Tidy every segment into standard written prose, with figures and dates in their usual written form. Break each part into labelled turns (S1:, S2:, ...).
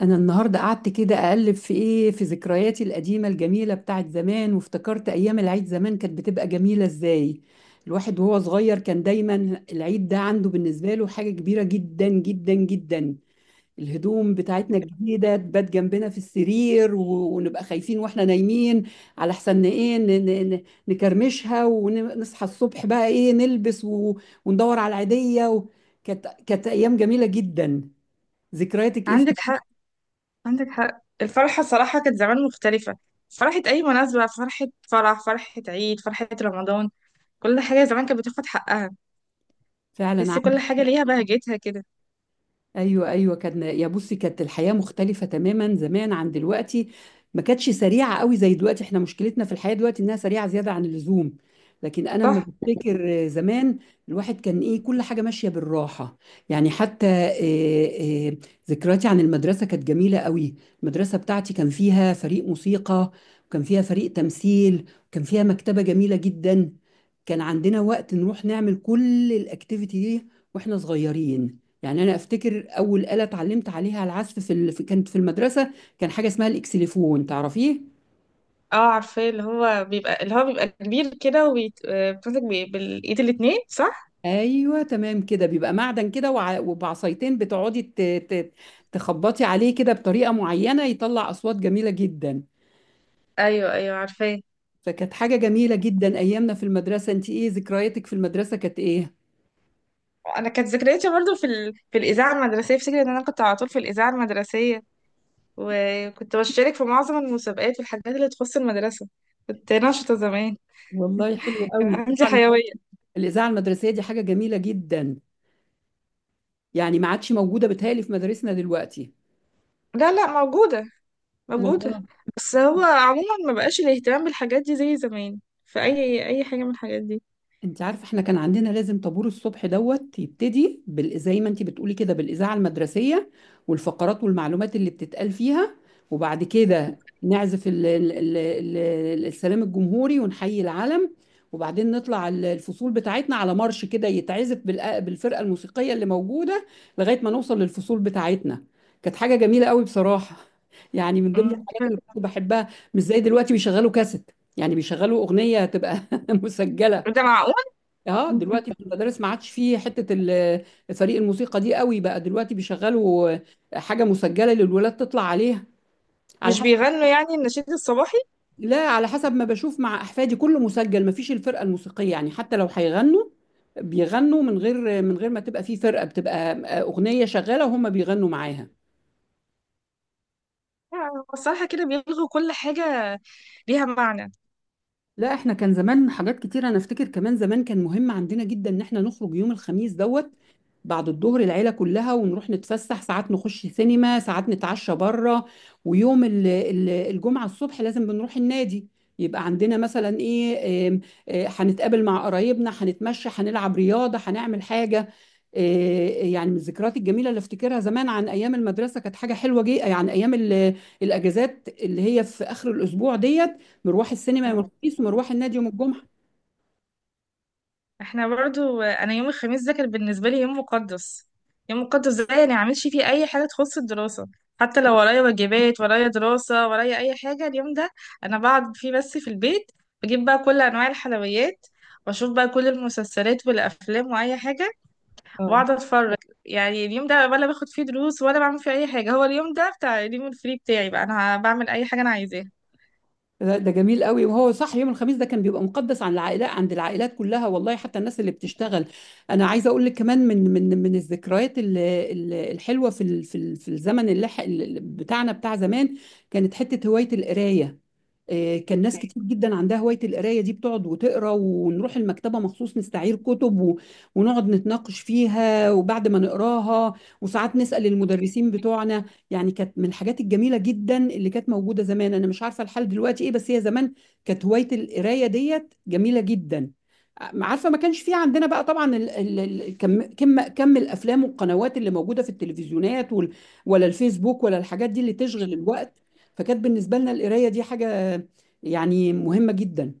S1: انا النهارده قعدت كده اقلب في ايه في ذكرياتي القديمه الجميله بتاعت زمان، وافتكرت ايام العيد زمان كانت بتبقى جميله ازاي. الواحد وهو صغير كان دايما العيد ده عنده بالنسبه له حاجه كبيره جدا جدا جدا. الهدوم بتاعتنا الجديده تبات جنبنا في السرير، و- ونبقى خايفين واحنا نايمين على حسن ايه نكرمشها، ونصحى الصبح بقى ايه نلبس وندور على العيديه كانت ايام جميله جدا. ذكرياتك ايه؟
S2: عندك حق. عندك حق، الفرحة صراحة كانت زمان مختلفة. فرحة أي مناسبة، فرحة فرح، فرحة عيد، فرحة رمضان. كل حاجة زمان كانت بتاخد حقها.
S1: فعلا.
S2: تحسي كل حاجة ليها بهجتها كده.
S1: ايوه ايوه، كان يا بصي كانت الحياه مختلفه تماما زمان عن دلوقتي، ما كانتش سريعه قوي زي دلوقتي. احنا مشكلتنا في الحياه دلوقتي انها سريعه زياده عن اللزوم، لكن انا لما
S2: صح؟
S1: بفتكر زمان الواحد كان ايه كل حاجه ماشيه بالراحه. يعني حتى ذكرياتي عن المدرسه كانت جميله قوي. المدرسه بتاعتي كان فيها فريق موسيقى، وكان فيها فريق تمثيل، وكان فيها مكتبه جميله جدا. كان عندنا وقت نروح نعمل كل الاكتيفيتي دي واحنا صغيرين. يعني انا افتكر اول آلة اتعلمت عليها العزف كانت في المدرسة، كان حاجة اسمها الاكسليفون، تعرفيه؟
S2: اه عارفاه، اللي هو بيبقى كبير كده وبتمسك بالإيد الاتنين، صح؟
S1: ايوه تمام كده، بيبقى معدن كده وبعصايتين بتقعدي تخبطي عليه كده بطريقة معينة يطلع اصوات جميلة جدا.
S2: أيوه أيوه عارفاه.
S1: فكانت حاجة جميلة جدا ايامنا في المدرسة. انت ايه ذكرياتك في المدرسة، كانت ايه؟
S2: أنا كانت ذكرياتي برضو في الإذاعة المدرسية. افتكر إن أنا كنت على طول في الإذاعة المدرسية، وكنت بشارك في معظم المسابقات والحاجات اللي تخص المدرسة. كنت نشطة زمان،
S1: والله حلو
S2: كان
S1: قوي
S2: عندي حيوية.
S1: الإذاعة المدرسية دي حاجة جميلة جدا، يعني ما عادش موجودة بتهيألي في مدارسنا دلوقتي.
S2: لا لا، موجودة موجودة.
S1: والله.
S2: بس هو عموما ما بقاش الاهتمام بالحاجات دي زي زمان، في أي حاجة من الحاجات دي.
S1: انت عارفه احنا كان عندنا لازم طابور الصبح دوت يبتدي زي ما انت بتقولي كده بالاذاعه المدرسيه، والفقرات والمعلومات اللي بتتقال فيها. وبعد كده نعزف السلام الجمهوري ونحيي العلم، وبعدين نطلع الفصول بتاعتنا على مارش كده يتعزف بالفرقه الموسيقيه اللي موجوده لغايه ما نوصل للفصول بتاعتنا. كانت حاجه جميله قوي بصراحه. يعني من ضمن
S2: مم.
S1: الحاجات اللي كنت بحبها مش زي دلوقتي بيشغلوا كاسيت، يعني بيشغلوا اغنيه هتبقى مسجله.
S2: ده معقول؟
S1: اه دلوقتي في المدارس ما عادش فيه حته فريق الموسيقى دي قوي، بقى دلوقتي بيشغلوا حاجه مسجله للولاد تطلع عليها على
S2: مش
S1: حسب.
S2: بيغنوا يعني النشيد الصباحي؟
S1: لا على حسب ما بشوف مع احفادي كله مسجل، ما فيش الفرقه الموسيقيه، يعني حتى لو هيغنوا بيغنوا من غير ما تبقى فيه فرقه، بتبقى اغنيه شغاله وهم بيغنوا معاها.
S2: الصراحة كده بيلغوا كل حاجة ليها معنى.
S1: لا احنا كان زمان حاجات كتير، انا افتكر كمان زمان كان مهم عندنا جدا ان احنا نخرج يوم الخميس دوت بعد الظهر العيلة كلها، ونروح نتفسح، ساعات نخش سينما، ساعات نتعشى بره. ويوم الجمعة الصبح لازم بنروح النادي. يبقى عندنا مثلا ايه آم، هنتقابل مع قرايبنا، هنتمشى، هنلعب رياضة، هنعمل حاجة. آه، يعني من الذكريات الجميلة اللي افتكرها زمان عن ايام المدرسة كانت حاجة حلوة جدا، يعني ايام الاجازات اللي هي في اخر الاسبوع ديت، مروح السينما يوم الخميس ومروح النادي يوم الجمعة.
S2: احنا برضو انا يوم الخميس ده كان بالنسبه لي يوم مقدس. يوم مقدس ده يعني ما اعملش فيه اي حاجه تخص الدراسه، حتى لو ورايا واجبات ورايا دراسه ورايا اي حاجه. اليوم ده انا بقعد فيه بس في البيت، بجيب بقى كل انواع الحلويات، واشوف بقى كل المسلسلات والافلام واي حاجه واقعد اتفرج. يعني اليوم ده ولا باخد فيه دروس ولا بعمل فيه اي حاجه، هو اليوم ده بتاع اليوم الفري بتاعي، بقى انا بعمل اي حاجه انا عايزاها.
S1: ده ده جميل قوي، وهو صح يوم الخميس ده كان بيبقى مقدس عن العائلات، عند العائلات كلها والله، حتى الناس اللي بتشتغل. انا عايزه اقول لك كمان من الذكريات الحلوه في الزمن اللي بتاعنا بتاع زمان، كانت حته هوايه القرايه. كان ناس كتير جدا عندها هوايه القرايه دي، بتقعد وتقرا، ونروح المكتبه مخصوص نستعير كتب ونقعد نتناقش فيها وبعد ما نقراها، وساعات نسال المدرسين بتوعنا. يعني كانت من الحاجات الجميلة جدا اللي كانت موجودة زمان. أنا مش عارفة الحال دلوقتي إيه، بس هي زمان كانت هواية القراية ديت جميلة جدا. عارفة ما كانش في عندنا بقى طبعا ال ال ال كم الأفلام والقنوات اللي موجودة في التلفزيونات ولا الفيسبوك ولا الحاجات دي اللي تشغل الوقت، فكانت بالنسبة لنا القراية دي حاجة يعني مهمة جدا.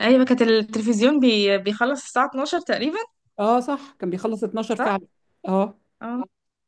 S2: ايوه، كانت التلفزيون بيخلص الساعه 12 تقريبا.
S1: اه صح كان بيخلص 12 فعلا. اه.
S2: اه.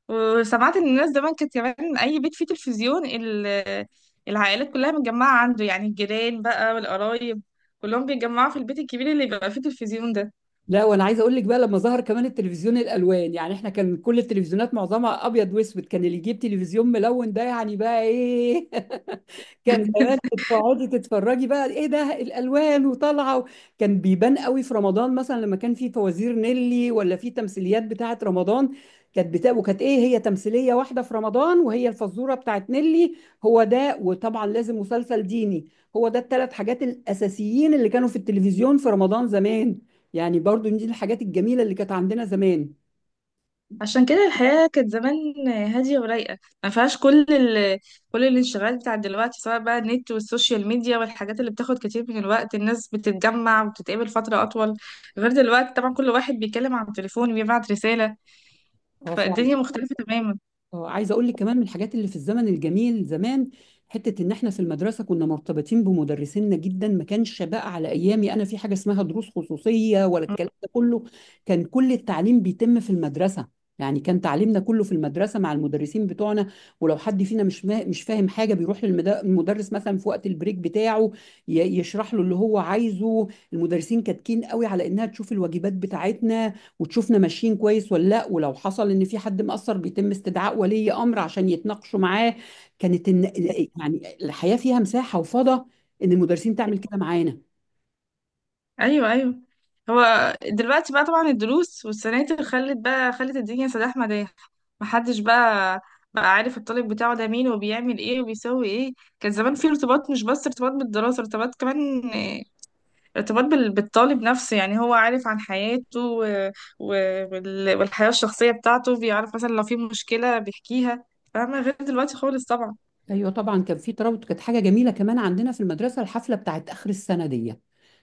S2: وسمعت ان الناس زمان كانت كمان اي بيت فيه تلفزيون العائلات كلها متجمعه عنده، يعني الجيران بقى والقرايب كلهم بيتجمعوا في البيت الكبير اللي بيبقى فيه تلفزيون ده.
S1: لا وانا عايز اقول لك بقى لما ظهر كمان التلفزيون الالوان، يعني احنا كان كل التلفزيونات معظمها ابيض واسود، كان اللي يجيب تلفزيون ملون ده يعني بقى ايه كان زمان بتقعدي تتفرجي بقى ايه ده الالوان وطالعه كان بيبان قوي في رمضان مثلا لما كان في فوازير نيلي ولا في تمثيليات بتاعه رمضان، وكانت ايه هي تمثيليه واحده في رمضان وهي الفزوره بتاعه نيلي هو ده، وطبعا لازم مسلسل ديني. هو ده الثلاث حاجات الاساسيين اللي كانوا في التلفزيون في رمضان زمان. يعني برضو دي الحاجات الجميله اللي كانت عندنا زمان.
S2: عشان كده الحياه كانت زمان هاديه ورايقه، ما فيهاش كل الانشغالات بتاعت دلوقتي، سواء بقى النت والسوشيال ميديا والحاجات اللي بتاخد كتير من الوقت. الناس بتتجمع وبتتقابل فتره اطول، غير دلوقتي طبعا كل واحد بيتكلم عن التليفون وبيبعت رساله.
S1: اه.
S2: فالدنيا مختلفه تماما.
S1: اه عايزه اقول لك كمان من الحاجات اللي في الزمن الجميل زمان حته ان احنا في المدرسه كنا مرتبطين بمدرسينا جدا، ما كانش بقى على ايامي انا في حاجه اسمها دروس خصوصيه ولا الكلام ده كله. كان كل التعليم بيتم في المدرسه، يعني كان تعليمنا كله في المدرسه مع المدرسين بتوعنا، ولو حد فينا مش فاهم حاجه بيروح للمدرس مثلا في وقت البريك بتاعه يشرح له اللي هو عايزه. المدرسين كاتكين قوي على انها تشوف الواجبات بتاعتنا وتشوفنا ماشيين كويس ولا لا، ولو حصل ان في حد مقصر بيتم استدعاء ولي امر عشان يتناقشوا معاه. كانت إن يعني الحياه فيها مساحه وفضاء ان المدرسين تعمل كده معانا.
S2: ايوه ايوه. هو دلوقتي بقى طبعا الدروس والسناتر خلت الدنيا سداح مداح. محدش بقى، بقى عارف الطالب بتاعه ده مين وبيعمل ايه وبيسوي ايه. كان زمان في ارتباط، مش بس ارتباط بالدراسة، ارتباط كمان، آه، ارتباط بالطالب نفسه. يعني هو عارف عن حياته والحياة الشخصية بتاعته، بيعرف مثلا لو في مشكلة بيحكيها. فاهمة؟ غير دلوقتي خالص طبعا.
S1: ايوه طبعا كان في ترابط. كانت حاجه جميله كمان عندنا في المدرسه الحفله بتاعت اخر السنه دي،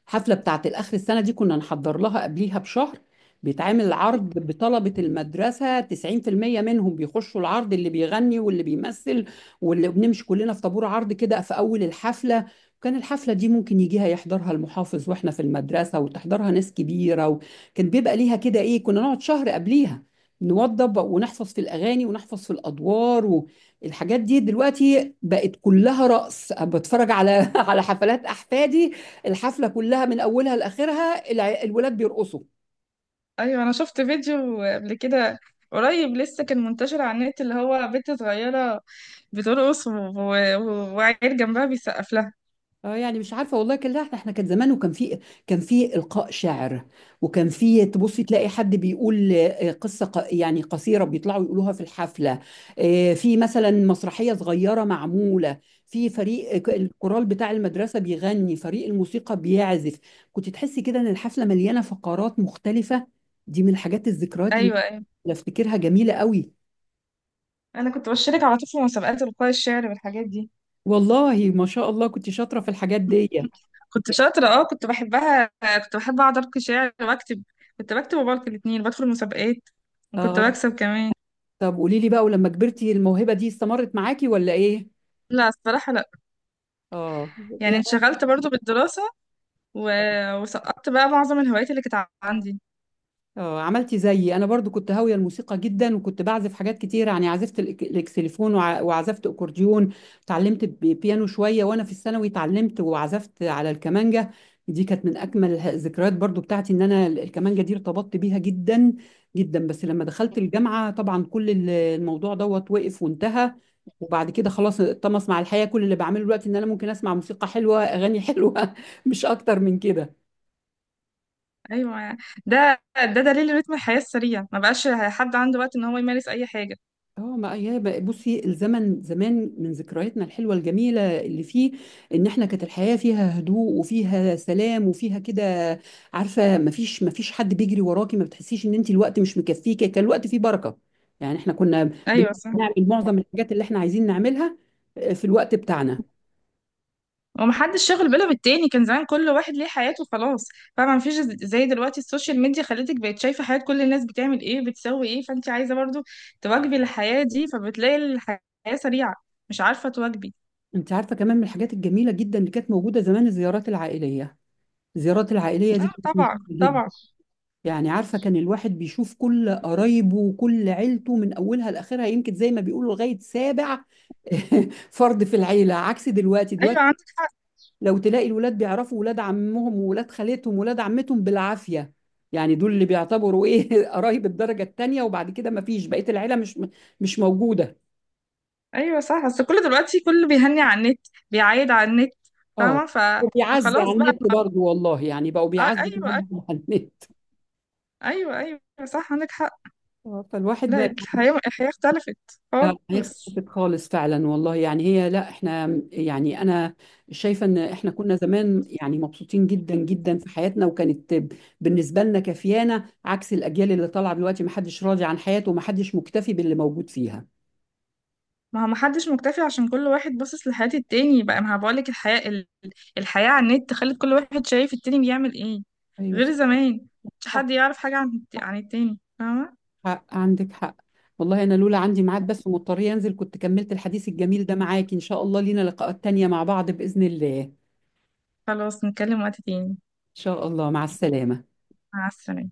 S1: الحفله بتاعت الاخر السنه دي كنا نحضر لها قبليها بشهر، بيتعمل عرض بطلبه المدرسه 90% منهم بيخشوا العرض، اللي بيغني واللي بيمثل واللي بنمشي كلنا في طابور عرض كده في اول الحفله. كان الحفله دي ممكن يجيها يحضرها المحافظ واحنا في المدرسه وتحضرها ناس كبيره، وكان بيبقى ليها كده ايه كنا نقعد شهر قبليها نوضب ونحفظ في الاغاني ونحفظ في الادوار. الحاجات دي دلوقتي بقت كلها رقص، بتفرج على على حفلات احفادي الحفله كلها من اولها لاخرها الولاد بيرقصوا.
S2: ايوه انا شفت فيديو قبل كده، قريب لسه كان منتشر على النت، اللي هو بنت صغيره بترقص وعيل جنبها بيسقف لها.
S1: اه يعني مش عارفه والله كان لا احنا كان زمان وكان في، كان في القاء شعر وكان في تبصي تلاقي حد بيقول قصه يعني قصيره بيطلعوا يقولوها في الحفله، في مثلا مسرحيه صغيره معموله، في فريق الكورال بتاع المدرسه بيغني، فريق الموسيقى بيعزف. كنت تحسي كده ان الحفله مليانه فقرات مختلفه. دي من الحاجات الذكريات اللي
S2: ايوه ايوه.
S1: افتكرها جميله قوي.
S2: انا كنت بشارك على طول في مسابقات القاء الشعر والحاجات دي.
S1: والله ما شاء الله كنت شاطره في الحاجات دي.
S2: كنت شاطره، اه كنت بحبها. كنت بحب اقعد القي شعر واكتب. كنت بكتب وبلقي الاتنين، بدخل مسابقات وكنت
S1: اه
S2: بكسب كمان.
S1: طب قولي لي بقى ولما كبرتي الموهبة دي استمرت معاكي ولا ايه؟
S2: لا الصراحه لا.
S1: اه.
S2: يعني انشغلت برضو بالدراسه و... وسقطت بقى معظم الهوايات اللي كانت عندي.
S1: اه عملتي زيي انا برضو كنت هاويه الموسيقى جدا وكنت بعزف حاجات كتير، يعني عزفت الاكسليفون وعزفت اكورديون، اتعلمت بيانو شويه وانا في الثانوي اتعلمت وعزفت على الكمانجه. دي كانت من اجمل الذكريات برضو بتاعتي ان انا الكمانجه دي ارتبطت بيها جدا جدا، بس لما دخلت الجامعه طبعا كل الموضوع دوت وقف وانتهى، وبعد كده خلاص اتطمس مع الحياه. كل اللي بعمله دلوقتي ان انا ممكن اسمع موسيقى حلوه اغاني حلوه مش اكتر من كده.
S2: ايوه، ده دليل رتم الحياه السريع، ما بقاش حد عنده وقت ان هو يمارس اي حاجه.
S1: اه ما هي بصي الزمن زمان من ذكرياتنا الحلوه الجميله اللي فيه ان احنا كانت الحياه فيها هدوء وفيها سلام وفيها كده، عارفه ما فيش حد بيجري وراكي، ما بتحسيش ان انت الوقت مش مكفيكي، كان الوقت فيه بركه. يعني احنا كنا بن-
S2: ايوه صح.
S1: بنعمل معظم الحاجات اللي احنا عايزين نعملها في الوقت بتاعنا.
S2: ومحدش شاغل باله بالتاني. كان زمان كل واحد ليه حياته خلاص، فما مفيش. زي دلوقتي السوشيال ميديا خلتك بقت شايفه حياه كل الناس بتعمل ايه بتسوي ايه، فانت عايزه برضو تواكبي الحياه دي، فبتلاقي الحياه سريعه مش عارفه تواكبي.
S1: انت عارفه كمان من الحاجات الجميله جدا اللي كانت موجوده زمان الزيارات العائليه. الزيارات العائليه
S2: اه
S1: دي كانت
S2: طبعا
S1: مهمه،
S2: طبعا.
S1: يعني عارفة كان الواحد بيشوف كل قرايبه وكل عيلته من أولها لآخرها، يمكن زي ما بيقولوا لغاية سابع فرد في العيلة. عكس دلوقتي،
S2: ايوه
S1: دلوقتي
S2: عندك حق.
S1: لو تلاقي الولاد بيعرفوا ولاد عمهم وولاد خالتهم وولاد عمتهم بالعافية، يعني دول اللي بيعتبروا إيه قرايب الدرجة التانية، وبعد كده ما فيش بقية العيلة مش موجودة.
S2: ايوه صح. بس كله دلوقتي كله بيهني على النت، بيعايد على النت.
S1: اه.
S2: فاهمه؟
S1: بيعزي
S2: فخلاص
S1: على النت
S2: بقى.
S1: برضو والله، يعني بقوا بيعزوا
S2: ايوه ايوه.
S1: كمان على النت.
S2: ايوه ايوه صح عندك حق.
S1: فالواحد
S2: لا،
S1: ما.
S2: الحياة الحياة اختلفت
S1: اه هي
S2: خالص.
S1: اختلفت خالص فعلا والله يعني هي لا احنا يعني انا شايفه ان احنا كنا زمان يعني مبسوطين جدا جدا في حياتنا، وكانت بالنسبه لنا كفيانه، عكس الاجيال اللي طالعه دلوقتي ما حدش راضي عن حياته وما حدش مكتفي باللي موجود فيها.
S2: ما هو محدش مكتفي عشان كل واحد باصص لحياة التاني. بقى ما بقولك، الحياة الحياة على النت خلت كل واحد شايف التاني بيعمل ايه،
S1: ايوه
S2: غير
S1: صح.
S2: زمان مش
S1: صح.
S2: حد يعرف حاجة عن عن التاني. فاهمة؟
S1: حق عندك حق. والله انا لولا عندي ميعاد بس ومضطريه انزل كنت كملت الحديث الجميل ده معاك. ان شاء الله لينا لقاءات تانية مع بعض باذن الله ان
S2: خلاص نتكلم وقت تاني.
S1: شاء الله، مع السلامه.
S2: مع السلامة.